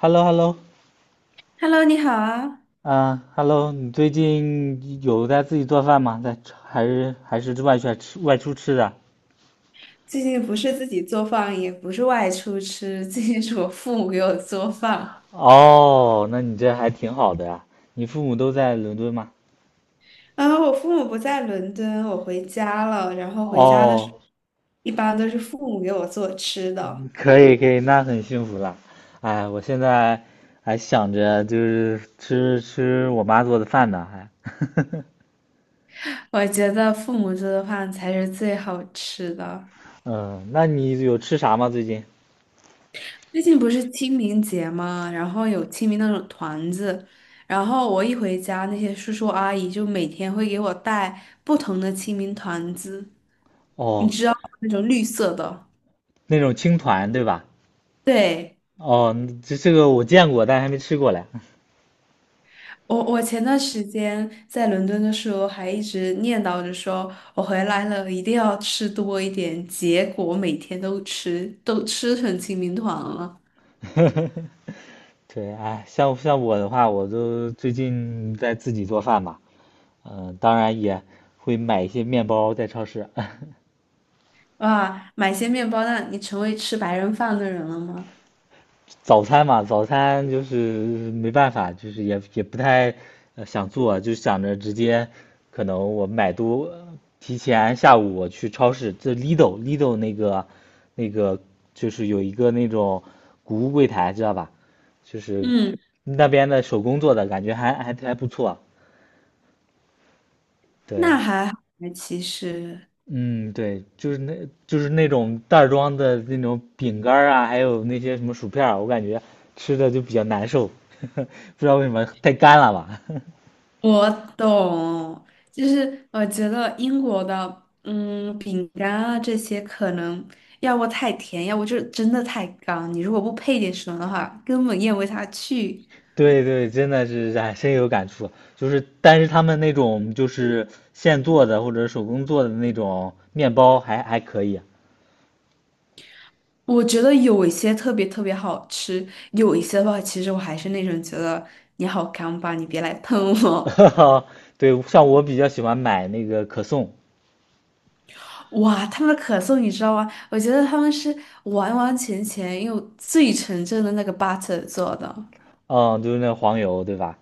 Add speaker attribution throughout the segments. Speaker 1: h e l l o h e l l o
Speaker 2: Hello，你好啊！
Speaker 1: 啊，Hello，你最近有在自己做饭吗？在吃还是外出吃的？
Speaker 2: 最近不是自己做饭，也不是外出吃，最近是我父母给我做饭。
Speaker 1: 哦，那你这还挺好的呀。你父母都在伦敦吗？
Speaker 2: 啊，我父母不在伦敦，我回家了，然后回家的时候，
Speaker 1: 哦，
Speaker 2: 一般都是父母给我做吃的。
Speaker 1: 可以，那很幸福了。哎，我现在还想着就是吃我妈做的饭呢，还。
Speaker 2: 我觉得父母做的饭才是最好吃的。
Speaker 1: 嗯，那你有吃啥吗？最近？
Speaker 2: 最近不是清明节嘛，然后有清明那种团子，然后我一回家，那些叔叔阿姨就每天会给我带不同的清明团子，你
Speaker 1: 哦，
Speaker 2: 知道那种绿色的。
Speaker 1: 那种青团对吧？
Speaker 2: 对，
Speaker 1: 哦，这个我见过，但还没吃过嘞。
Speaker 2: 我前段时间在伦敦的时候，还一直念叨着说，我回来了一定要吃多一点。结果每天都吃，都吃成清明团了。
Speaker 1: 对，哎，像我的话，我都最近在自己做饭嘛，嗯、当然也会买一些面包在超市。
Speaker 2: 哇，买些面包，那你成为吃白人饭的人了吗？
Speaker 1: 早餐嘛，早餐就是没办法，就是也不太想做，就想着直接可能我买多，提前下午我去超市，这 Lidl 那个就是有一个那种谷物柜台，知道吧？就是
Speaker 2: 嗯，
Speaker 1: 那边的手工做的，感觉还不错。
Speaker 2: 那
Speaker 1: 对，
Speaker 2: 还好，其实。
Speaker 1: 嗯，对，就是那种袋装的那种饼干儿啊，还有那些什么薯片儿，我感觉吃的就比较难受，不知道为什么太干了吧？
Speaker 2: 我懂，就是我觉得英国的，饼干啊这些可能要不太甜，要不就是真的太干。你如果不配点什么的话，根本咽不下去。
Speaker 1: 对对，真的是哎，深有感触。就是，但是他们那种就是现做的或者手工做的那种面包还可以啊。
Speaker 2: 我觉得有一些特别特别好吃，有一些的话，其实我还是那种觉得你好干吧，你别来喷我。
Speaker 1: 对，像我比较喜欢买那个可颂，
Speaker 2: 哇，他们的可颂你知道吗？我觉得他们是完完全全用最纯正的那个 butter 做的。
Speaker 1: 嗯，就是那黄油，对吧？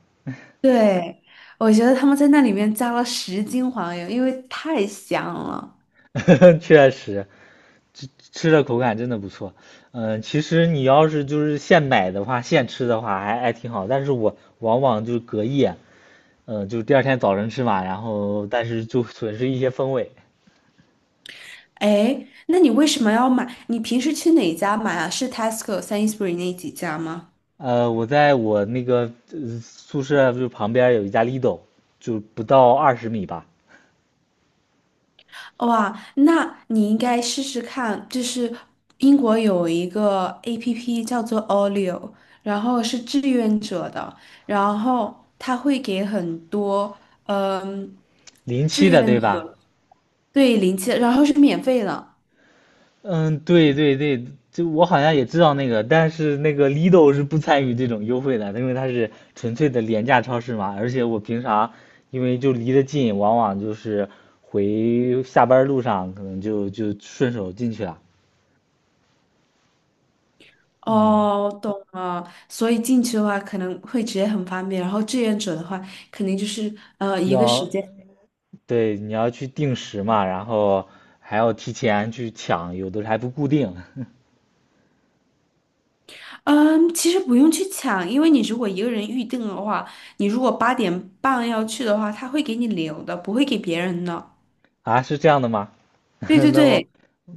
Speaker 2: 对，我觉得他们在那里面加了10斤黄油，因为太香了。
Speaker 1: 确实，吃的口感真的不错。嗯，其实你要是就是现买的话，现吃的话还挺好，但是我往往就是隔夜，嗯，就是第二天早晨吃嘛，然后但是就损失一些风味。
Speaker 2: 哎，那你为什么要买？你平时去哪家买啊？是 Tesco、Sainsbury 那几家吗？
Speaker 1: 呃，我在我那个、呃宿舍就旁边有一家 Lidl，就不到20米吧，
Speaker 2: 哇，那你应该试试看，就是英国有一个 APP 叫做 Olio，然后是志愿者的，然后他会给很多嗯
Speaker 1: 零
Speaker 2: 志
Speaker 1: 七的
Speaker 2: 愿
Speaker 1: 对吧？
Speaker 2: 者对零钱，然后是免费的。
Speaker 1: 嗯，对，就我好像也知道那个，但是那个 Lidl 是不参与这种优惠的，因为它是纯粹的廉价超市嘛。而且我平常因为就离得近，往往就是回下班路上可能就顺手进去了。嗯，
Speaker 2: 哦，懂了。所以进去的话可能会直接很方便，然后志愿者的话肯定就是一个时
Speaker 1: 要，
Speaker 2: 间。
Speaker 1: 对，你要去定时嘛，然后还要提前去抢，有的还不固定。
Speaker 2: 嗯，其实不用去抢，因为你如果一个人预定的话，你如果8点半要去的话，他会给你留的，不会给别人的。
Speaker 1: 啊，是这样的吗？
Speaker 2: 对 对
Speaker 1: 那我
Speaker 2: 对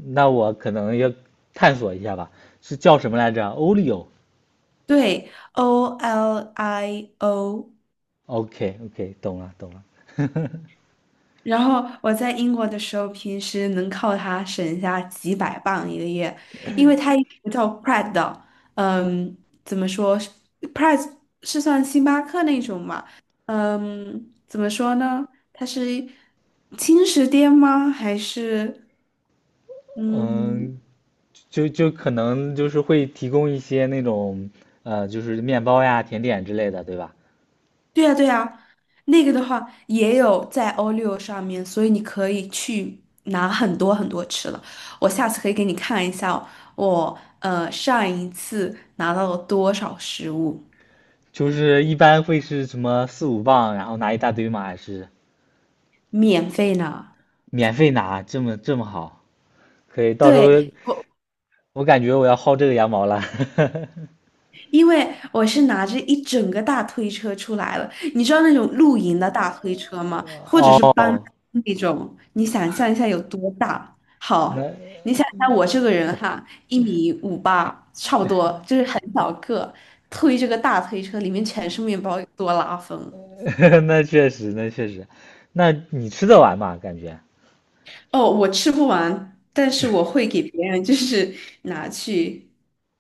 Speaker 1: 那我可能要探索一下吧，是叫什么来着？Olio。
Speaker 2: 对，Olio。
Speaker 1: OK OK，懂了，
Speaker 2: 然后我在英国的时候，平时能靠它省下几百磅一个月，因为它有一个叫 p r e 的，嗯，怎么说 p r e 是算星巴克那种嘛？嗯，怎么说呢？它是轻食店吗？还是嗯？
Speaker 1: 嗯，就可能就是会提供一些那种就是面包呀、甜点之类的，对吧？
Speaker 2: 对呀，对呀，那个的话也有在 O6上面，所以你可以去拿很多很多吃的。我下次可以给你看一下哦我上一次拿到了多少食物，
Speaker 1: 就是一般会是什么4、5磅，然后拿一大堆吗？还是
Speaker 2: 免费呢。
Speaker 1: 免费拿？这么好？可以，到时候
Speaker 2: 对，我。
Speaker 1: 我感觉我要薅这个羊毛了。
Speaker 2: 因为我是拿着一整个大推车出来了，你知道那种露营的大推车吗？或者是搬
Speaker 1: 哦，
Speaker 2: 那种，你想象一下有多大？好，
Speaker 1: 那
Speaker 2: 你想想我这个人哈，1米58，差不多，就是很小个，推这个大推车，里面全是面包，有多拉风。
Speaker 1: 那确实，那你吃得完吗？感觉
Speaker 2: 哦，我吃不完，但是我会给别人，就是 拿去。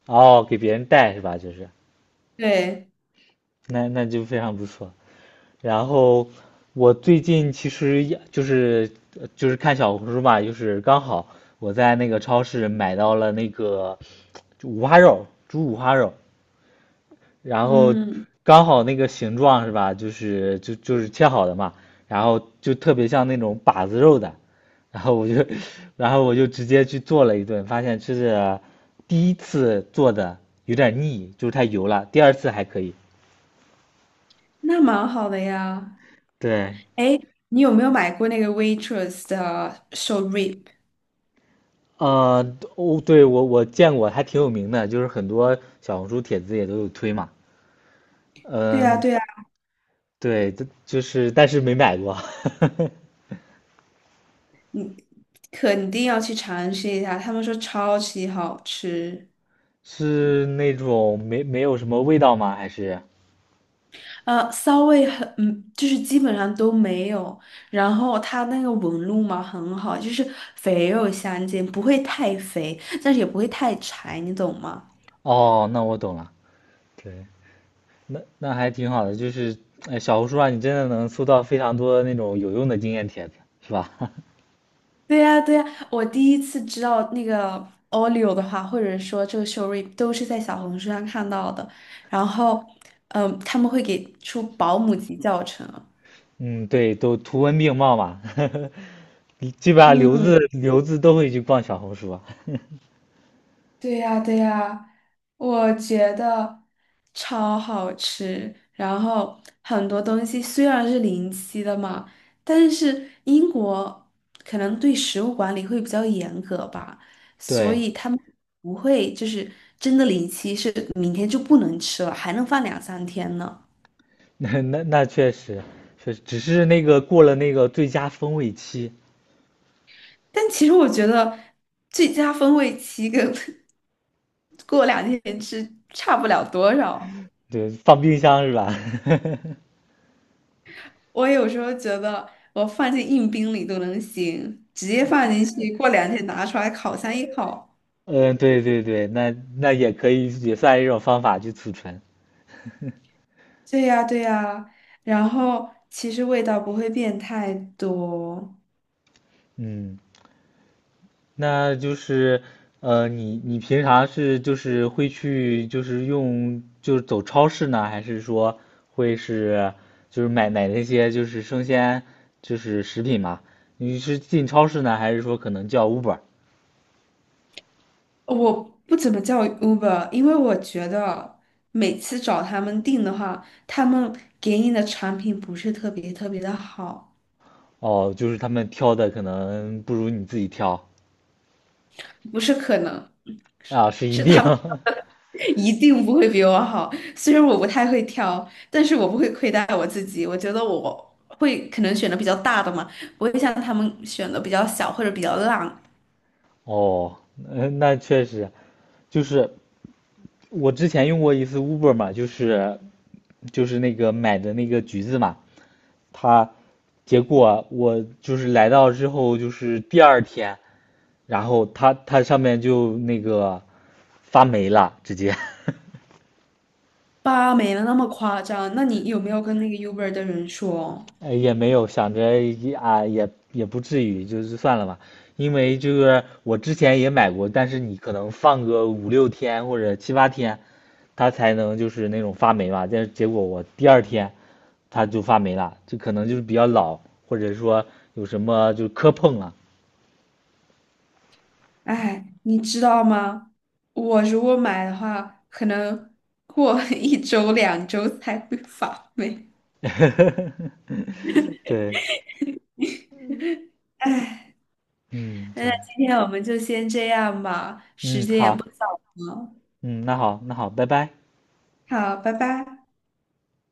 Speaker 1: 哦，给别人带是吧？就是，
Speaker 2: 对，
Speaker 1: 那那就非常不错。然后我最近其实也就是就是看小红书嘛，就是刚好我在那个超市买到了那个就五花肉，猪五花肉，然后
Speaker 2: 嗯，
Speaker 1: 刚好那个形状是吧，就是就是切好的嘛，然后就特别像那种把子肉的，然后我就 然后我就直接去做了一顿，发现吃着第一次做的有点腻，就是太油了，第二次还可以，
Speaker 2: 那蛮好的呀。
Speaker 1: 对。
Speaker 2: 哎，你有没有买过那个 Waitrose 的手 rib？
Speaker 1: 啊，哦，对，我见过，还挺有名的，就是很多小红书帖子也都有推嘛。
Speaker 2: 对啊，
Speaker 1: 嗯，
Speaker 2: 对啊，
Speaker 1: 对，这就是但是没买过，
Speaker 2: 肯定要去尝试一下，他们说超级好吃。
Speaker 1: 是那种没有什么味道吗？还是？
Speaker 2: 呃，骚味很，就是基本上都没有。然后它那个纹路嘛很好，就是肥肉相间，不会太肥，但是也不会太柴，你懂吗？
Speaker 1: 哦，那我懂了。对，那那还挺好的，就是哎，小红书上你真的能搜到非常多那种有用的经验帖子，是吧？
Speaker 2: 对呀，对呀，我第一次知道那个 Olio 的话，或者说这个 Shorip 都是在小红书上看到的。然后，嗯，他们会给出保姆级教程。
Speaker 1: 嗯，对，都图文并茂嘛，基本上留
Speaker 2: 嗯，
Speaker 1: 子留子都会去逛小红书啊。
Speaker 2: 对呀，对呀，我觉得超好吃。然后很多东西虽然是临期的嘛，但是英国可能对食物管理会比较严格吧，所
Speaker 1: 对，
Speaker 2: 以他们不会就是真的临期是明天就不能吃了，还能放两三天呢。
Speaker 1: 那确实，确实只是那个过了那个最佳风味期，
Speaker 2: 但其实我觉得最佳风味期跟 过两天吃差不了多少。
Speaker 1: 对，放冰箱是吧？
Speaker 2: 我有时候觉得我放进硬冰里都能行，直接放进去，过两天拿出来烤箱一烤。
Speaker 1: 嗯，对，那那也可以，也算一种方法去储存。
Speaker 2: 对呀，对呀，然后其实味道不会变太多。
Speaker 1: 嗯，那就是你你平常是就是会去就是用就是走超市呢，还是说会是就是买那些就是生鲜就是食品嘛？你是进超市呢，还是说可能叫 Uber？
Speaker 2: 我不怎么叫 Uber，因为我觉得每次找他们订的话，他们给你的产品不是特别特别的好。
Speaker 1: 哦，就是他们挑的可能不如你自己挑。
Speaker 2: 不是可能，
Speaker 1: 啊，是一
Speaker 2: 是
Speaker 1: 定。
Speaker 2: 他们 一定不会比我好。虽然我不太会挑，但是我不会亏待我自己。我觉得我会可能选的比较大的嘛，不会像他们选的比较小或者比较烂。
Speaker 1: 哦，嗯，那确实，就是我之前用过一次 Uber 嘛，就是就是那个买的那个橘子嘛，它结果我就是来到之后，就是第二天，然后它上面就那个发霉了，直接。
Speaker 2: 吧，没那么夸张。那你有没有跟那个 Uber 的人说？
Speaker 1: 呃，也没有想着也啊，也不至于，就是算了吧。因为就是我之前也买过，但是你可能放个5、6天或者7、8天，它才能就是那种发霉嘛。但是结果我第二天它就发霉了，就可能就是比较老，或者说有什么就磕碰了。
Speaker 2: 哎，你知道吗？我如果买的话，可能过 一周两周才会发霉。
Speaker 1: 对，
Speaker 2: 哎，
Speaker 1: 嗯，
Speaker 2: 那
Speaker 1: 对，
Speaker 2: 今天我们就先这样吧，时
Speaker 1: 嗯，
Speaker 2: 间也不。
Speaker 1: 好，
Speaker 2: 好，
Speaker 1: 嗯，那好，那好，拜拜。
Speaker 2: 好，拜拜。